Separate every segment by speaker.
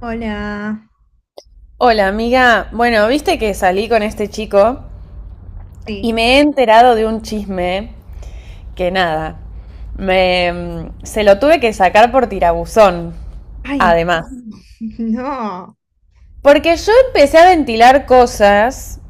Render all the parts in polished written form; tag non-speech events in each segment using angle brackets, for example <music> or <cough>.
Speaker 1: Hola.
Speaker 2: Hola, amiga. Bueno, viste que salí con este chico y
Speaker 1: Sí.
Speaker 2: me he enterado de un chisme que nada, me, se lo tuve que sacar por tirabuzón,
Speaker 1: Ay,
Speaker 2: además.
Speaker 1: <laughs> no.
Speaker 2: Porque yo empecé a ventilar cosas,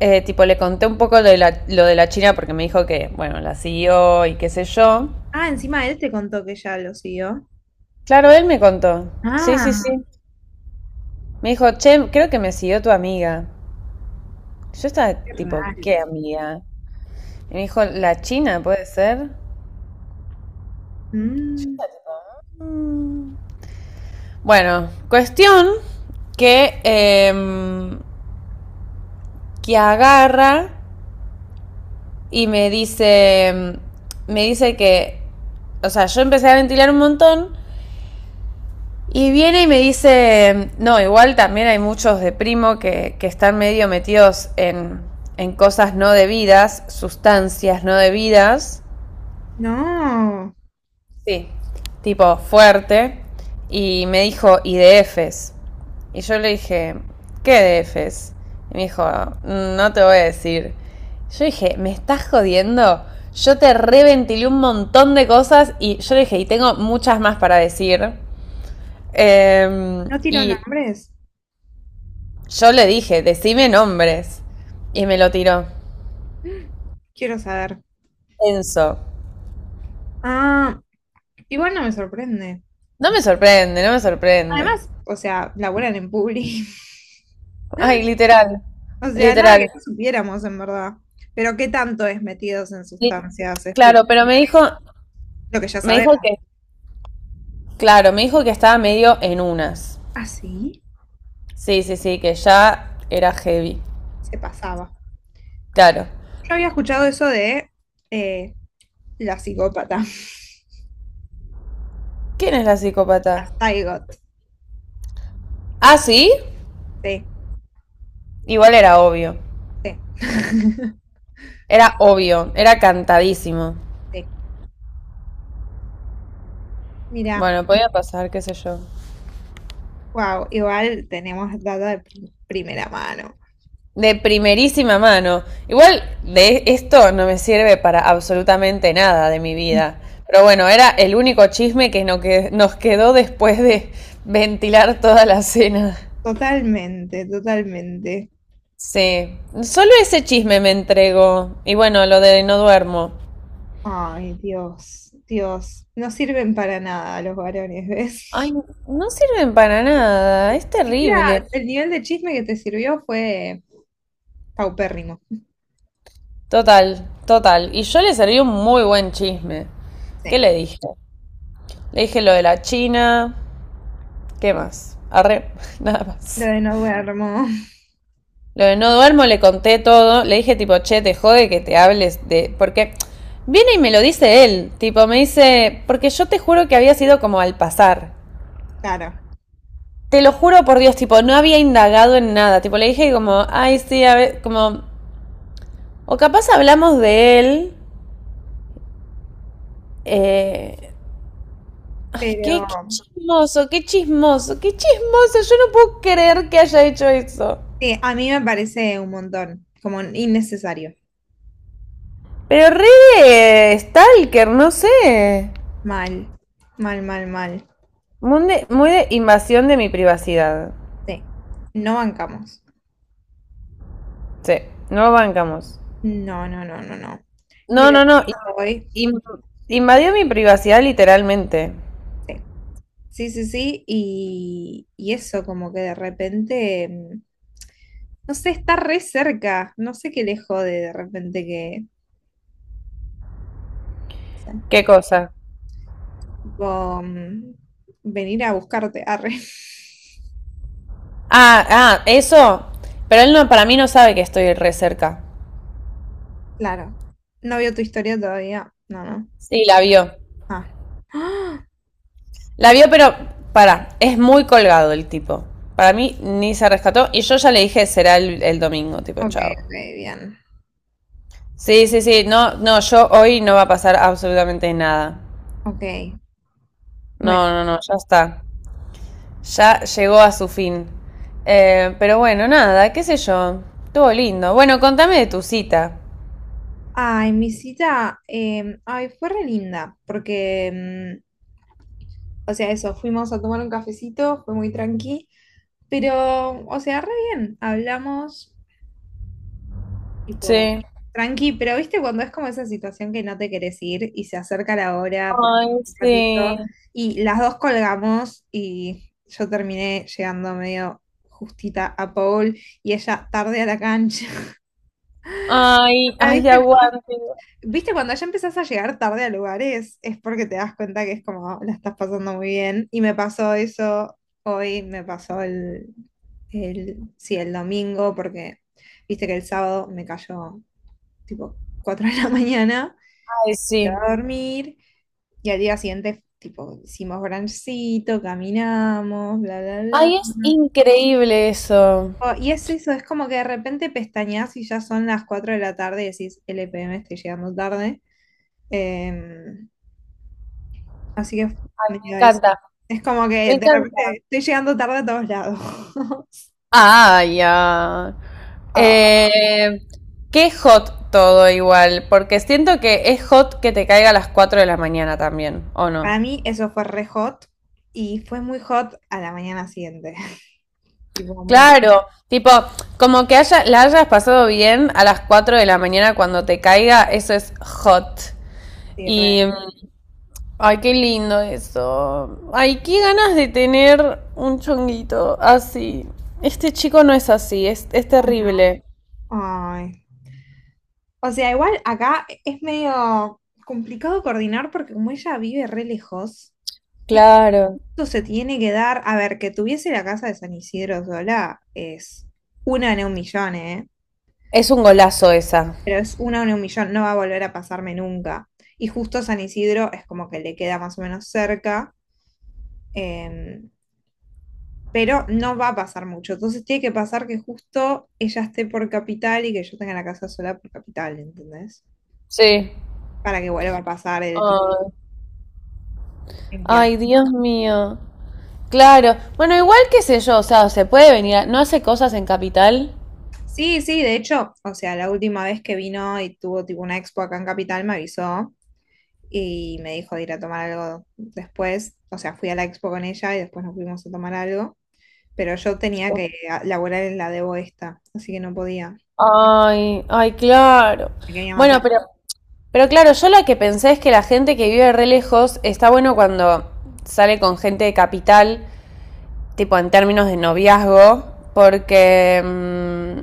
Speaker 2: tipo le conté un poco lo de la China porque me dijo que, bueno, la siguió y qué sé yo.
Speaker 1: Ah, encima él te contó que ya lo siguió.
Speaker 2: Claro, él me contó. Sí, sí,
Speaker 1: Ah,
Speaker 2: sí. Me dijo, che, creo que me siguió tu amiga. Yo estaba
Speaker 1: qué
Speaker 2: tipo,
Speaker 1: raro.
Speaker 2: ¿qué amiga? Y me dijo, ¿la China puede ser?
Speaker 1: Mm,
Speaker 2: Bueno, cuestión que, que agarra y me dice, me dice que, o sea, yo empecé a ventilar un montón y viene y me dice, no, igual también hay muchos de primo que están medio metidos en cosas no debidas, sustancias no debidas.
Speaker 1: no.
Speaker 2: Sí, tipo fuerte. Y me dijo, ¿y DFs? Y yo le dije, ¿qué DFs? Y me dijo, no te voy a decir. Yo dije, ¿me estás jodiendo? Yo te reventilé un montón de cosas y yo le dije, y tengo muchas más para decir. Eh,
Speaker 1: No tiró
Speaker 2: y
Speaker 1: nombres.
Speaker 2: yo le dije, decime nombres. Y me lo tiró.
Speaker 1: <gasps> Quiero saber.
Speaker 2: Enzo.
Speaker 1: Ah, igual no me sorprende.
Speaker 2: No me sorprende, no me sorprende.
Speaker 1: Además, o sea, laburan en Publi. <laughs>
Speaker 2: Ay, literal.
Speaker 1: O sea, nada que
Speaker 2: Literal.
Speaker 1: no supiéramos en verdad. Pero qué tanto es metidos en
Speaker 2: Li-
Speaker 1: sustancias, es tipo
Speaker 2: Claro, pero me dijo,
Speaker 1: lo que ya
Speaker 2: me dijo
Speaker 1: sabemos.
Speaker 2: que, claro, me dijo que estaba medio en unas.
Speaker 1: Ah, sí,
Speaker 2: Sí, sí, sí, que ya era heavy.
Speaker 1: se pasaba.
Speaker 2: Claro.
Speaker 1: Yo había escuchado eso de eh, la psicópata.
Speaker 2: ¿Quién es la psicópata?
Speaker 1: Got.
Speaker 2: Ah, sí.
Speaker 1: Sí,
Speaker 2: Igual era obvio.
Speaker 1: sí. <laughs>
Speaker 2: Era obvio, era cantadísimo.
Speaker 1: Sí. Mira,
Speaker 2: Bueno, podía pasar, qué sé yo.
Speaker 1: wow, igual tenemos data de primera mano.
Speaker 2: De primerísima mano. Igual de esto no me sirve para absolutamente nada de mi vida. Pero bueno, era el único chisme que no nos quedó después de ventilar toda la cena.
Speaker 1: Totalmente, totalmente.
Speaker 2: Sí, solo ese chisme me entregó. Y bueno, lo de no duermo.
Speaker 1: Ay, Dios, Dios. No sirven para nada los varones,
Speaker 2: Ay,
Speaker 1: ¿ves?
Speaker 2: no sirven para nada, es
Speaker 1: Siquiera
Speaker 2: terrible.
Speaker 1: el nivel de chisme que te sirvió fue paupérrimo.
Speaker 2: Total, total. Y yo le serví un muy buen chisme.
Speaker 1: Sí.
Speaker 2: ¿Qué le dije? Le dije lo de la China. ¿Qué más? Arre, <laughs> nada
Speaker 1: Lo
Speaker 2: más.
Speaker 1: de no duermo,
Speaker 2: Lo de no duermo le conté todo. Le dije tipo, che, te jode que te hables de... Porque viene y me lo dice él. Tipo, me dice, porque yo te juro que había sido como al pasar.
Speaker 1: <laughs> claro.
Speaker 2: Te lo juro por Dios, tipo, no había indagado en nada. Tipo, le dije como, ay, sí, a ver, como, o capaz hablamos de él. eh, ay,
Speaker 1: Pero
Speaker 2: qué chismoso, qué chismoso, qué chismoso. Yo no puedo creer que haya hecho eso.
Speaker 1: sí, a mí me parece un montón, como innecesario.
Speaker 2: Pero re de stalker, no sé.
Speaker 1: Mal, mal, mal, mal.
Speaker 2: Muy de invasión de mi privacidad.
Speaker 1: Sí, no bancamos.
Speaker 2: Sí, no lo bancamos.
Speaker 1: No, no, no, no, no. Y
Speaker 2: No,
Speaker 1: lo
Speaker 2: no, no.
Speaker 1: que hoy,
Speaker 2: in- in- invadió mi privacidad literalmente.
Speaker 1: sí, sí, sí, sí, y eso como que de repente, no sé, está re cerca, no sé qué le jode de repente que, sí, sé,
Speaker 2: ¿Qué cosa?
Speaker 1: tipo, venir a buscarte, arre. <laughs>
Speaker 2: Ah, ah, eso. Pero él no, para mí no sabe que estoy re cerca.
Speaker 1: Claro, no vio tu historia todavía, no, no.
Speaker 2: Sí, la vio.
Speaker 1: Ah, <gasps>
Speaker 2: La vio, pero para, es muy colgado el tipo. Para mí ni se rescató. Y yo ya le dije, será el domingo, tipo,
Speaker 1: Ah, ok,
Speaker 2: chao.
Speaker 1: ok, bien,
Speaker 2: Sí, sí, sí. No, no, yo hoy no va a pasar absolutamente nada.
Speaker 1: ok. Bueno.
Speaker 2: No, no, no, ya está. Ya llegó a su fin. Pero bueno, nada, qué sé yo. Estuvo lindo. Bueno, contame de tu cita.
Speaker 1: Ay, mi cita, ay, fue re linda, porque, o sea, eso, fuimos a tomar un cafecito, fue muy tranqui, pero, o sea, re bien, hablamos, tipo,
Speaker 2: Sí.
Speaker 1: tranqui, pero viste cuando es como esa situación que no te querés ir y se acerca la hora por
Speaker 2: Ay,
Speaker 1: un ratito,
Speaker 2: sí.
Speaker 1: y las dos colgamos y yo terminé llegando medio justita a Paul y ella tarde a la cancha.
Speaker 2: Ay, ay,
Speaker 1: <laughs>
Speaker 2: aguante.
Speaker 1: Viste, cuando ya empezás a llegar tarde a lugares, es porque te das cuenta que es como la estás pasando muy bien. Y me pasó eso hoy, me pasó el, sí, el domingo, porque viste que el sábado me cayó tipo 4 <laughs> de la mañana
Speaker 2: Ay, sí.
Speaker 1: a dormir. Y al día siguiente, tipo, hicimos brunchcito, caminamos, bla, bla, bla.
Speaker 2: Ay, es
Speaker 1: ¿No?
Speaker 2: increíble eso.
Speaker 1: Oh, y es eso, es como que de repente pestañas y ya son las 4 de la tarde y decís, LPM, estoy llegando tarde. Em, Así que
Speaker 2: Me
Speaker 1: mira, es,
Speaker 2: encanta,
Speaker 1: es como que
Speaker 2: me
Speaker 1: de
Speaker 2: encanta.
Speaker 1: repente estoy llegando tarde a todos lados. <laughs>
Speaker 2: Ah, ya.
Speaker 1: Ah,
Speaker 2: Eh, qué hot todo igual, porque siento que es hot que te caiga a las 4 de la mañana también, ¿o no?
Speaker 1: para mí eso fue re hot y fue muy hot a la mañana siguiente. <laughs> Tipo, muy,
Speaker 2: Claro, tipo, como que la hayas pasado bien a las 4 de la mañana cuando te caiga, eso es hot.
Speaker 1: sí, re.
Speaker 2: Y mm, Ay, qué lindo eso. Ay, qué ganas de tener un chonguito así. Este chico no es así, es terrible.
Speaker 1: Ay. O sea, igual acá es medio complicado coordinar porque como ella vive re lejos,
Speaker 2: Claro.
Speaker 1: esto se tiene que dar, a ver, que tuviese la casa de San Isidro sola es una en un millón, ¿eh?
Speaker 2: Es un golazo esa.
Speaker 1: Pero es una en un millón, no va a volver a pasarme nunca. Y justo San Isidro es como que le queda más o menos cerca, eh, pero no va a pasar mucho. Entonces tiene que pasar que justo ella esté por capital y que yo tenga la casa sola por capital, ¿entendés?
Speaker 2: Sí.
Speaker 1: Para que vuelva a pasar el tipo.
Speaker 2: Ay, ay, Dios mío. Claro. Bueno, igual qué sé yo, o sea, se puede venir ¿No hace cosas en Capital?
Speaker 1: Sí, sí, de hecho, o sea, la última vez que vino y tuvo tipo una expo acá en Capital me avisó y me dijo de ir a tomar algo después, o sea, fui a la expo con ella y después nos fuimos a tomar algo pero yo tenía que laburar en la de esta, así que no podía,
Speaker 2: Ay, ay, claro.
Speaker 1: me quería
Speaker 2: Bueno,
Speaker 1: matar.
Speaker 2: pero claro, yo lo que pensé es que la gente que vive re lejos está bueno cuando sale con gente de Capital, tipo en términos de noviazgo, porque mm,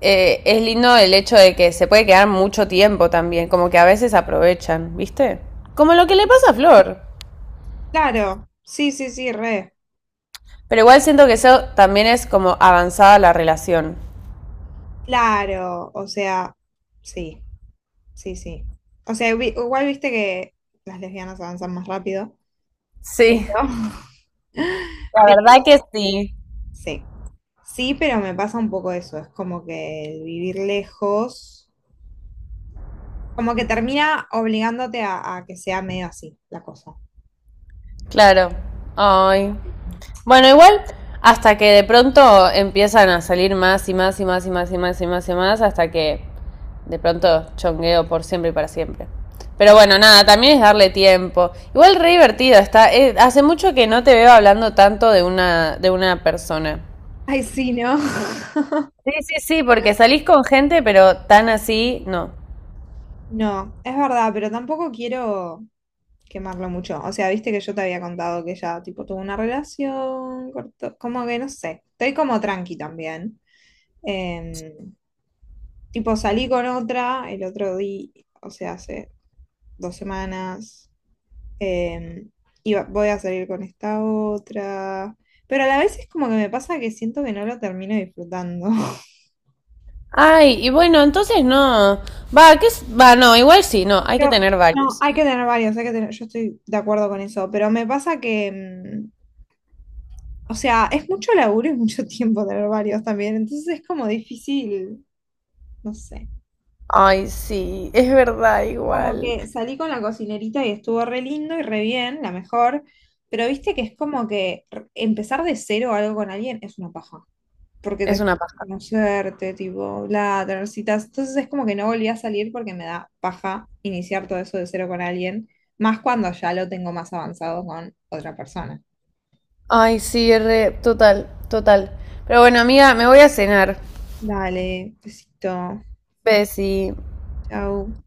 Speaker 2: eh, es lindo el hecho de que se puede quedar mucho tiempo también, como que a veces aprovechan, ¿viste? Como lo que le pasa a Flor.
Speaker 1: Claro, sí, sí, sí, re,
Speaker 2: Pero igual siento que eso también es como avanzada la relación.
Speaker 1: claro, o sea, sí, sí, sí. O sea, igual viste que las lesbianas avanzan más rápido, pero,
Speaker 2: Sí,
Speaker 1: <laughs>
Speaker 2: la
Speaker 1: pero
Speaker 2: verdad que sí.
Speaker 1: sí, sí, pero me pasa un poco eso, es como que el vivir lejos, como que termina obligándote a que sea medio así la cosa.
Speaker 2: Claro. Ay, bueno, igual, hasta que de pronto empiezan a salir más y más y más y más y más y más y más, hasta que de pronto chongueo por siempre y para siempre. Pero bueno, nada, también es darle tiempo. Igual re divertido está. Hace mucho que no te veo hablando tanto de de una persona.
Speaker 1: Ay, sí, ¿no? <laughs>
Speaker 2: Sí, sí, sí, porque salís con gente, pero tan así, no.
Speaker 1: No, es verdad, pero tampoco quiero quemarlo mucho. O sea, viste que yo te había contado que ella, tipo, tuvo una relación, como que no sé. Estoy como tranqui también. Eh, Tipo, salí con otra el otro día, o sea, hace 2 semanas. Eh, y voy a salir con esta otra. Pero a la vez es como que me pasa que siento que no lo termino disfrutando. <laughs>
Speaker 2: Ay, y bueno, entonces no. Va, ¿qué es? Va, no, igual sí, no, hay que
Speaker 1: Pero,
Speaker 2: tener
Speaker 1: no,
Speaker 2: varios.
Speaker 1: hay que tener varios, hay que tener, yo estoy de acuerdo con eso, pero me pasa que, o sea, es mucho laburo y mucho <laughs> tiempo tener varios también, entonces es como difícil, no sé.
Speaker 2: Ay, sí, es verdad,
Speaker 1: Como
Speaker 2: igual.
Speaker 1: que salí con la cocinerita y estuvo re lindo y re bien, la mejor, pero viste que es como que empezar de cero algo con alguien es una paja, porque
Speaker 2: Es
Speaker 1: te
Speaker 2: una paja.
Speaker 1: conocerte, tipo, bla, tener citas, entonces es como que no volví a salir porque me da paja iniciar todo eso de cero con alguien, más cuando ya lo tengo más avanzado con otra persona.
Speaker 2: Ay, sí, re, total, total. Pero bueno, amiga, me voy a cenar.
Speaker 1: Dale, besito,
Speaker 2: Besi.
Speaker 1: chau.